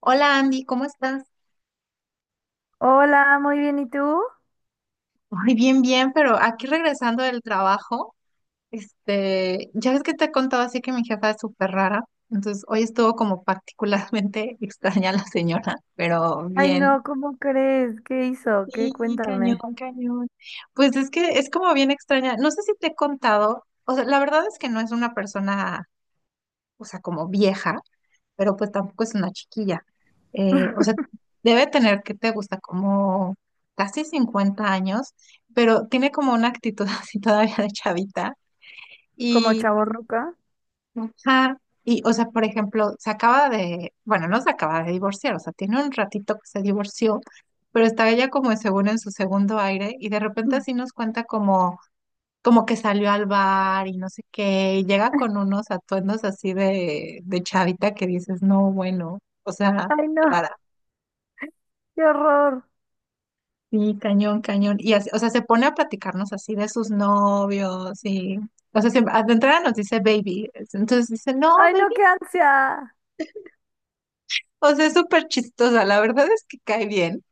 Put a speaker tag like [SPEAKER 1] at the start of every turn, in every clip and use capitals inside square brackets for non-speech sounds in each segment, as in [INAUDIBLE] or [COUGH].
[SPEAKER 1] Hola Andy, ¿cómo estás?
[SPEAKER 2] Hola, muy bien, ¿y tú?
[SPEAKER 1] Ay, bien, bien, pero aquí regresando del trabajo, ya ves que te he contado así que mi jefa es súper rara, entonces hoy estuvo como particularmente [LAUGHS] extraña la señora, pero
[SPEAKER 2] Ay,
[SPEAKER 1] bien.
[SPEAKER 2] no, ¿cómo crees? ¿Qué hizo? ¿Qué?
[SPEAKER 1] Sí, cañón,
[SPEAKER 2] Cuéntame.
[SPEAKER 1] cañón. Pues es que es como bien extraña, no sé si te he contado, o sea, la verdad es que no es una persona, o sea, como vieja, pero pues tampoco es una chiquilla. O sea,
[SPEAKER 2] [LAUGHS]
[SPEAKER 1] debe tener que te gusta como casi 50 años, pero tiene como una actitud [LAUGHS] así todavía de chavita.
[SPEAKER 2] ¿Como
[SPEAKER 1] Y,
[SPEAKER 2] chavorruca?
[SPEAKER 1] ajá, y, o sea, por ejemplo, se acaba de, bueno, no se acaba de divorciar, o sea, tiene un ratito que se divorció, pero está ella como según en su segundo aire y de repente así nos cuenta como que salió al bar y no sé qué, y llega con unos atuendos así de chavita que dices, no, bueno, o sea,
[SPEAKER 2] Ay, no,
[SPEAKER 1] rara.
[SPEAKER 2] qué horror.
[SPEAKER 1] Sí, cañón, cañón. Y así, o sea, se pone a platicarnos así de sus novios y, o sea, siempre, de entrada nos dice baby. Entonces dice, no,
[SPEAKER 2] Ay,
[SPEAKER 1] baby.
[SPEAKER 2] no, qué ansia.
[SPEAKER 1] O sea, es súper chistosa. La verdad es que cae bien,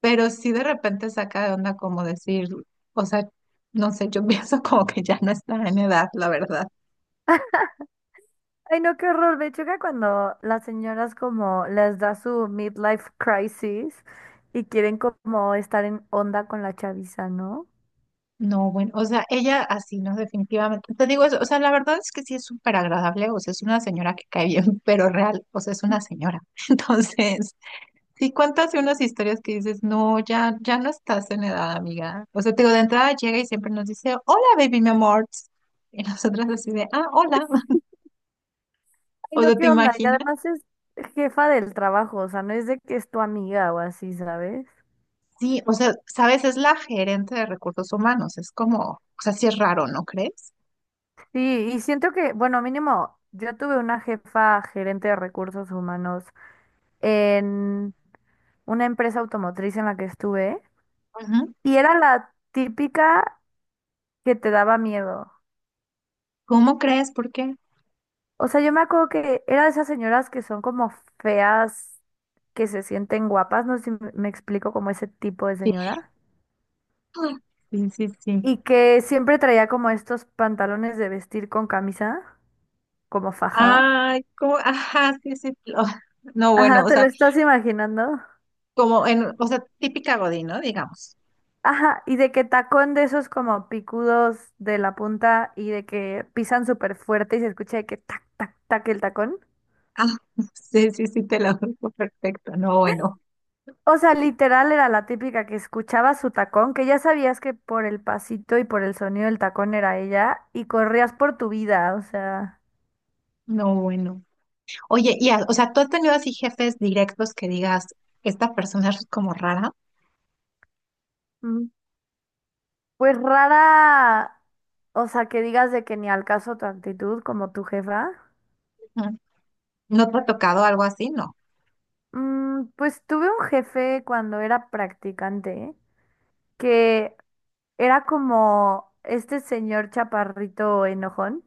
[SPEAKER 1] pero sí de repente saca de onda como decir, o sea, no sé, yo [LAUGHS] pienso como que ya no está en edad, la verdad.
[SPEAKER 2] Ay, no, qué horror. Me choca cuando las señoras como les da su midlife crisis y quieren como estar en onda con la chaviza, ¿no?
[SPEAKER 1] No, bueno, o sea, ella así, no, definitivamente. Te digo eso, o sea, la verdad es que sí es súper agradable, o sea, es una señora que cae bien, [LAUGHS] pero real, o sea, es una señora. [LAUGHS] Entonces, sí cuentas unas historias que dices, no, ya, ya no estás en edad, amiga. O sea, te digo, de entrada llega y siempre nos dice, hola, baby, mi amor. [LAUGHS] Y nosotras así de, ah, hola. [LAUGHS]
[SPEAKER 2] Ay,
[SPEAKER 1] O
[SPEAKER 2] no,
[SPEAKER 1] sea, ¿te
[SPEAKER 2] qué onda. Y
[SPEAKER 1] imaginas?
[SPEAKER 2] además es jefa del trabajo, o sea, no es de que es tu amiga o así, ¿sabes?
[SPEAKER 1] Sí, o sea, sabes, es la gerente de recursos humanos, es como, o sea, sí es raro, ¿no crees?
[SPEAKER 2] Sí, y siento que, bueno, mínimo, yo tuve una jefa gerente de recursos humanos en una empresa automotriz en la que estuve
[SPEAKER 1] Ujú.
[SPEAKER 2] y era la típica que te daba miedo.
[SPEAKER 1] ¿Cómo crees? ¿Por qué?
[SPEAKER 2] O sea, yo me acuerdo que era de esas señoras que son como feas, que se sienten guapas, no sé si me explico como ese tipo de
[SPEAKER 1] Sí,
[SPEAKER 2] señora,
[SPEAKER 1] ah, sí, sí, sí.
[SPEAKER 2] y que siempre traía como estos pantalones de vestir con camisa, como fajada.
[SPEAKER 1] Ay, como, [LAUGHS] ajá, sí, sí. Lo- no, bueno,
[SPEAKER 2] Ajá,
[SPEAKER 1] o
[SPEAKER 2] ¿te
[SPEAKER 1] sea,
[SPEAKER 2] lo estás imaginando?
[SPEAKER 1] como en, o sea, típica Godín, ¿no? Digamos.
[SPEAKER 2] Ajá, y de que tacón de esos como picudos de la punta y de que pisan súper fuerte y se escucha de que tac, tac, tac el tacón.
[SPEAKER 1] Ah, [LAUGHS] sí, sí, sí, te lo digo perfecto. No, bueno,
[SPEAKER 2] O sea, literal era la típica que escuchaba su tacón, que ya sabías que por el pasito y por el sonido del tacón era ella y corrías por tu vida, o sea,
[SPEAKER 1] no, bueno. Oye, y, o sea, ¿tú has tenido así jefes directos que digas, esta persona es como rara?
[SPEAKER 2] mm, pues rara, o sea, que digas de que ni al caso tu actitud como tu jefa.
[SPEAKER 1] Ujú. ¿No te ha tocado algo así? No.
[SPEAKER 2] Pues tuve un jefe cuando era practicante que era como este señor chaparrito enojón,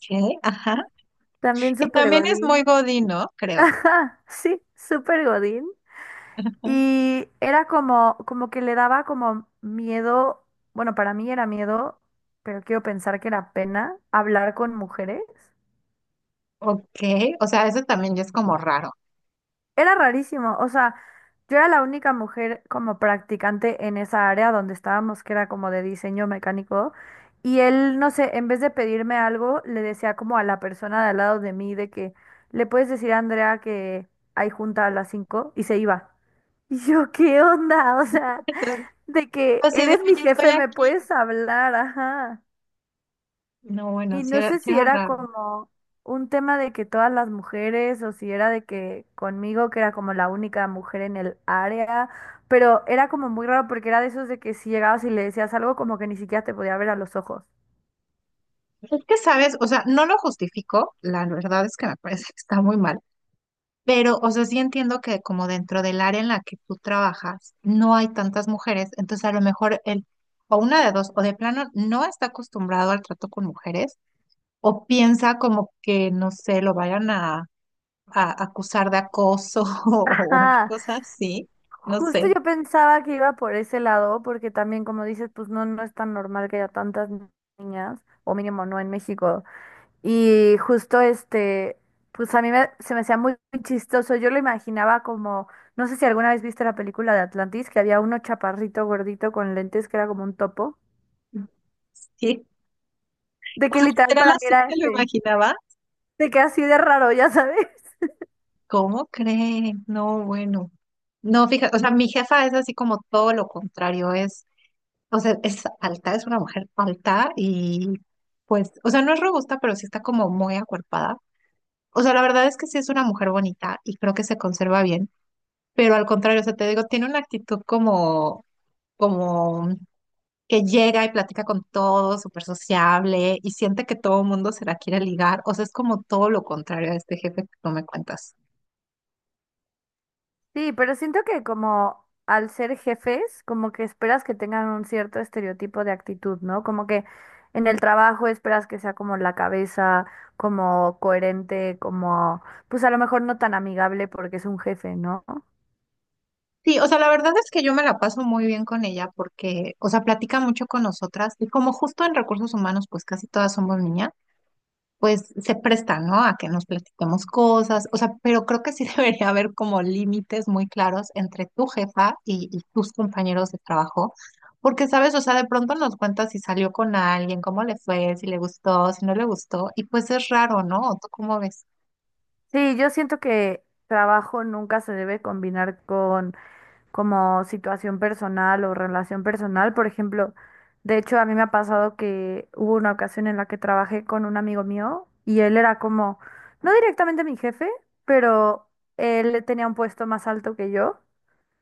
[SPEAKER 1] ¿Qué? Ajá.
[SPEAKER 2] también
[SPEAKER 1] Que
[SPEAKER 2] súper
[SPEAKER 1] también es muy
[SPEAKER 2] godín.
[SPEAKER 1] Godín, ¿no?
[SPEAKER 2] [LAUGHS]
[SPEAKER 1] Creo.
[SPEAKER 2] Ajá, sí, súper godín.
[SPEAKER 1] Ujú.
[SPEAKER 2] Y era como, como que le daba como miedo, bueno, para mí era miedo, pero quiero pensar que era pena hablar con mujeres.
[SPEAKER 1] Ok, o sea, eso también ya es como raro.
[SPEAKER 2] Era rarísimo, o sea, yo era la única mujer como practicante en esa área donde estábamos, que era como de diseño mecánico, y él, no sé, en vez de pedirme algo, le decía como a la persona de al lado de mí de que, ¿le puedes decir a Andrea que hay junta a las 5? Y se iba. Y yo, ¿qué onda? [LAUGHS] O sea,
[SPEAKER 1] Entonces,
[SPEAKER 2] de que
[SPEAKER 1] así de,
[SPEAKER 2] eres mi
[SPEAKER 1] oye, estoy
[SPEAKER 2] jefe, me
[SPEAKER 1] aquí.
[SPEAKER 2] puedes hablar, ajá.
[SPEAKER 1] No, bueno,
[SPEAKER 2] Y no sé
[SPEAKER 1] sí
[SPEAKER 2] si
[SPEAKER 1] era
[SPEAKER 2] era
[SPEAKER 1] raro.
[SPEAKER 2] como un tema de que todas las mujeres o si era de que conmigo, que era como la única mujer en el área, pero era como muy raro porque era de esos de que si llegabas y le decías algo como que ni siquiera te podía ver a los ojos.
[SPEAKER 1] Es que sabes, o sea, no lo justifico, la verdad es que me parece que está muy mal, pero, o sea, sí entiendo que como dentro del área en la que tú trabajas no hay tantas mujeres, entonces a lo mejor él, o una de dos, o de plano no está acostumbrado al trato con mujeres, o piensa como que, no sé, lo vayan a acusar de acoso [LAUGHS] o una
[SPEAKER 2] Ah,
[SPEAKER 1] cosa así, no
[SPEAKER 2] justo
[SPEAKER 1] sé.
[SPEAKER 2] yo pensaba que iba por ese lado porque también como dices, pues no, no es tan normal que haya tantas niñas, o mínimo no en México. Y justo este, pues a se me hacía muy chistoso. Yo lo imaginaba como, no sé si alguna vez viste la película de Atlantis, que había uno chaparrito gordito con lentes que era como un topo.
[SPEAKER 1] Sí,
[SPEAKER 2] De
[SPEAKER 1] o
[SPEAKER 2] que
[SPEAKER 1] sea,
[SPEAKER 2] literal
[SPEAKER 1] literal
[SPEAKER 2] para mí
[SPEAKER 1] así
[SPEAKER 2] era
[SPEAKER 1] te lo
[SPEAKER 2] este,
[SPEAKER 1] imaginaba.
[SPEAKER 2] de que así de raro, ya sabes. [LAUGHS]
[SPEAKER 1] ¿Cómo cree? No, bueno. No, fíjate, o sea, mi jefa es así como todo lo contrario, es, o sea, es alta, es una mujer alta y pues, o sea, no es robusta, pero sí está como muy acuerpada. O sea, la verdad es que sí es una mujer bonita y creo que se conserva bien, pero al contrario, o sea, te digo, tiene una actitud como, como que llega y platica con todos, súper sociable y siente que todo el mundo se la quiere ligar. O sea, es como todo lo contrario a este jefe que tú me cuentas.
[SPEAKER 2] Sí, pero siento que como al ser jefes, como que esperas que tengan un cierto estereotipo de actitud, ¿no? Como que en el trabajo esperas que sea como la cabeza, como coherente, como, pues a lo mejor no tan amigable porque es un jefe, ¿no?
[SPEAKER 1] Sí, o sea, la verdad es que yo me la paso muy bien con ella porque, o sea, platica mucho con nosotras y como justo en recursos humanos, pues casi todas somos niñas, pues se presta, ¿no? A que nos platiquemos cosas, o sea, pero creo que sí [LAUGHS] debería haber como límites muy claros entre tu jefa y tus compañeros de trabajo, porque, ¿sabes? O sea, de pronto nos cuenta si salió con alguien, cómo le fue, si le gustó, si no le gustó, y pues es raro, ¿no? ¿Tú cómo ves?
[SPEAKER 2] Sí, yo siento que trabajo nunca se debe combinar con como situación personal o relación personal. Por ejemplo, de hecho a mí me ha pasado que hubo una ocasión en la que trabajé con un amigo mío y él era como, no directamente mi jefe, pero él tenía un puesto más alto que yo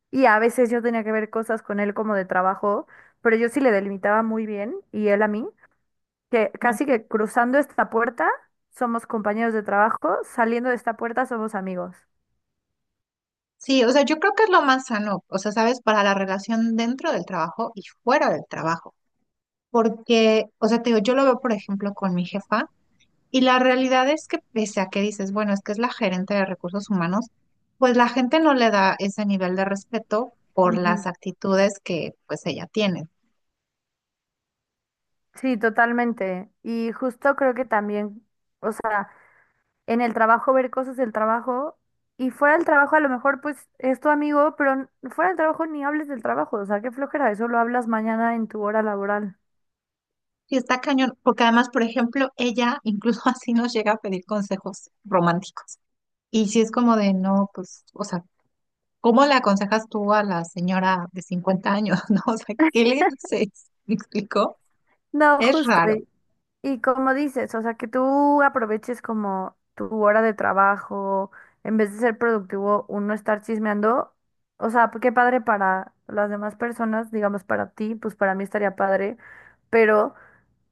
[SPEAKER 2] y a veces yo tenía que ver cosas con él como de trabajo, pero yo sí le delimitaba muy bien y él a mí que casi que cruzando esta puerta somos compañeros de trabajo, saliendo de esta puerta somos amigos.
[SPEAKER 1] Sí, o sea, yo creo que es lo más sano, o sea, sabes, para la relación dentro del trabajo y fuera del trabajo, porque, o sea, te digo, yo lo veo, por ejemplo, con mi jefa y la realidad es que pese a que dices, bueno, es que es la gerente de recursos humanos, pues la gente no le da ese nivel de respeto por
[SPEAKER 2] Ujú.
[SPEAKER 1] las actitudes que pues ella tiene.
[SPEAKER 2] Sí, totalmente. Y justo creo que también, o sea, en el trabajo ver cosas del trabajo y fuera del trabajo a lo mejor pues es tu amigo, pero fuera del trabajo ni hables del trabajo, o sea, qué flojera, eso lo hablas mañana en tu hora laboral.
[SPEAKER 1] Y está cañón, porque además, por ejemplo, ella incluso [LAUGHS] así nos llega a pedir consejos románticos. Y si es como de, no, pues, o sea, ¿cómo le aconsejas tú a la señora de 50 años, [LAUGHS] no? O sea, ¿qué le dices? [LAUGHS] ¿Me explicó?
[SPEAKER 2] No,
[SPEAKER 1] Es
[SPEAKER 2] justo.
[SPEAKER 1] raro.
[SPEAKER 2] Y como dices, o sea, que tú aproveches como tu hora de trabajo, en vez de ser productivo, uno estar chismeando, o sea, pues qué padre para las demás personas, digamos para ti, pues para mí estaría padre, pero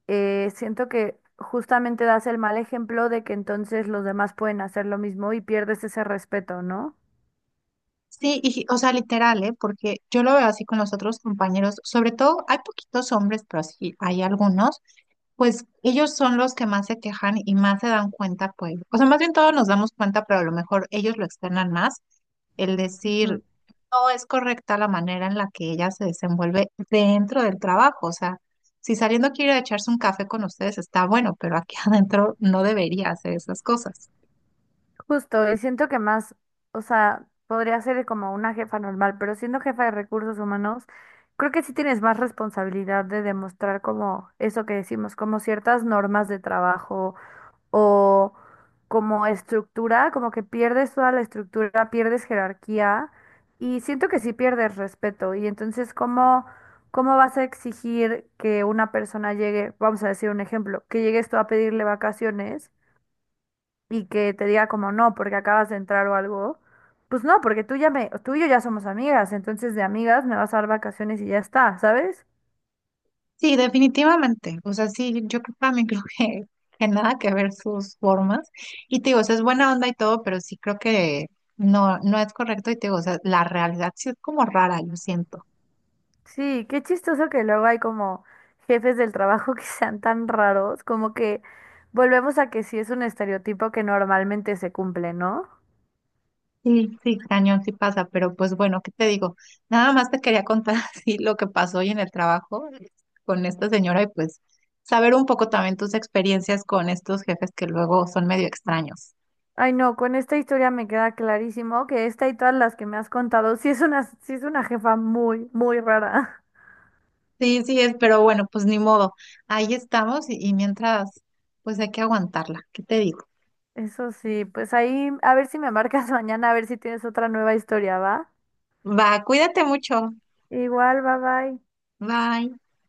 [SPEAKER 2] siento que justamente das el mal ejemplo de que entonces los demás pueden hacer lo mismo y pierdes ese respeto, ¿no?
[SPEAKER 1] Sí, y, o sea, literal, ¿eh? Porque yo lo veo así con los otros compañeros, sobre todo hay poquitos hombres, pero sí hay algunos, pues ellos son los que más se quejan y más se dan cuenta, pues, o sea, más bien todos nos damos cuenta, pero a lo mejor ellos lo externan más, el decir, no es correcta la manera en la que ella se desenvuelve dentro del trabajo. O sea, si saliendo quiere echarse un café con ustedes, está bueno, pero aquí [LAUGHS] adentro no debería hacer esas cosas.
[SPEAKER 2] Justo, y siento que más, o sea, podría ser como una jefa normal, pero siendo jefa de recursos humanos, creo que sí tienes más responsabilidad de demostrar como eso que decimos, como ciertas normas de trabajo o como estructura, como que pierdes toda la estructura, pierdes jerarquía y siento que sí pierdes respeto. Y entonces, ¿cómo vas a exigir que una persona llegue, vamos a decir un ejemplo, que llegues tú a pedirle vacaciones? Y que te diga como no, porque acabas de entrar o algo, pues no, porque tú y yo ya somos amigas, entonces de amigas me vas a dar vacaciones y ya está, ¿sabes?
[SPEAKER 1] Sí, definitivamente. O sea, sí, yo creo- para mí [LAUGHS] creo que nada que ver sus formas. Y te digo, o sea, es buena onda y todo, pero sí creo que no, no es correcto. Y te digo, o sea, la realidad sí es como rara, yo siento.
[SPEAKER 2] Sí, qué chistoso que luego hay como jefes del trabajo [LAUGHS] que sean tan raros, como que volvemos a que sí es un estereotipo que normalmente se cumple, ¿no?
[SPEAKER 1] Sí, sí, cañón, sí pasa, pero pues bueno, ¿qué te digo? Nada más te quería contar [LAUGHS] así lo que pasó hoy en el trabajo con esta señora y pues saber un poco también tus experiencias con estos jefes que luego son medio extraños.
[SPEAKER 2] Ay, no, con esta historia me queda clarísimo que esta y todas las que me has contado, sí es una jefa muy, muy rara.
[SPEAKER 1] Sí, sí es, pero bueno, pues ni modo. Ahí estamos y mientras, pues hay que aguantarla. ¿Qué te digo?
[SPEAKER 2] [LAUGHS] Eso sí, pues ahí a ver si me marcas [LAUGHS] mañana, a ver si tienes otra nueva historia, ¿va?
[SPEAKER 1] Va, cuídate mucho.
[SPEAKER 2] Igual, bye bye.
[SPEAKER 1] Bye.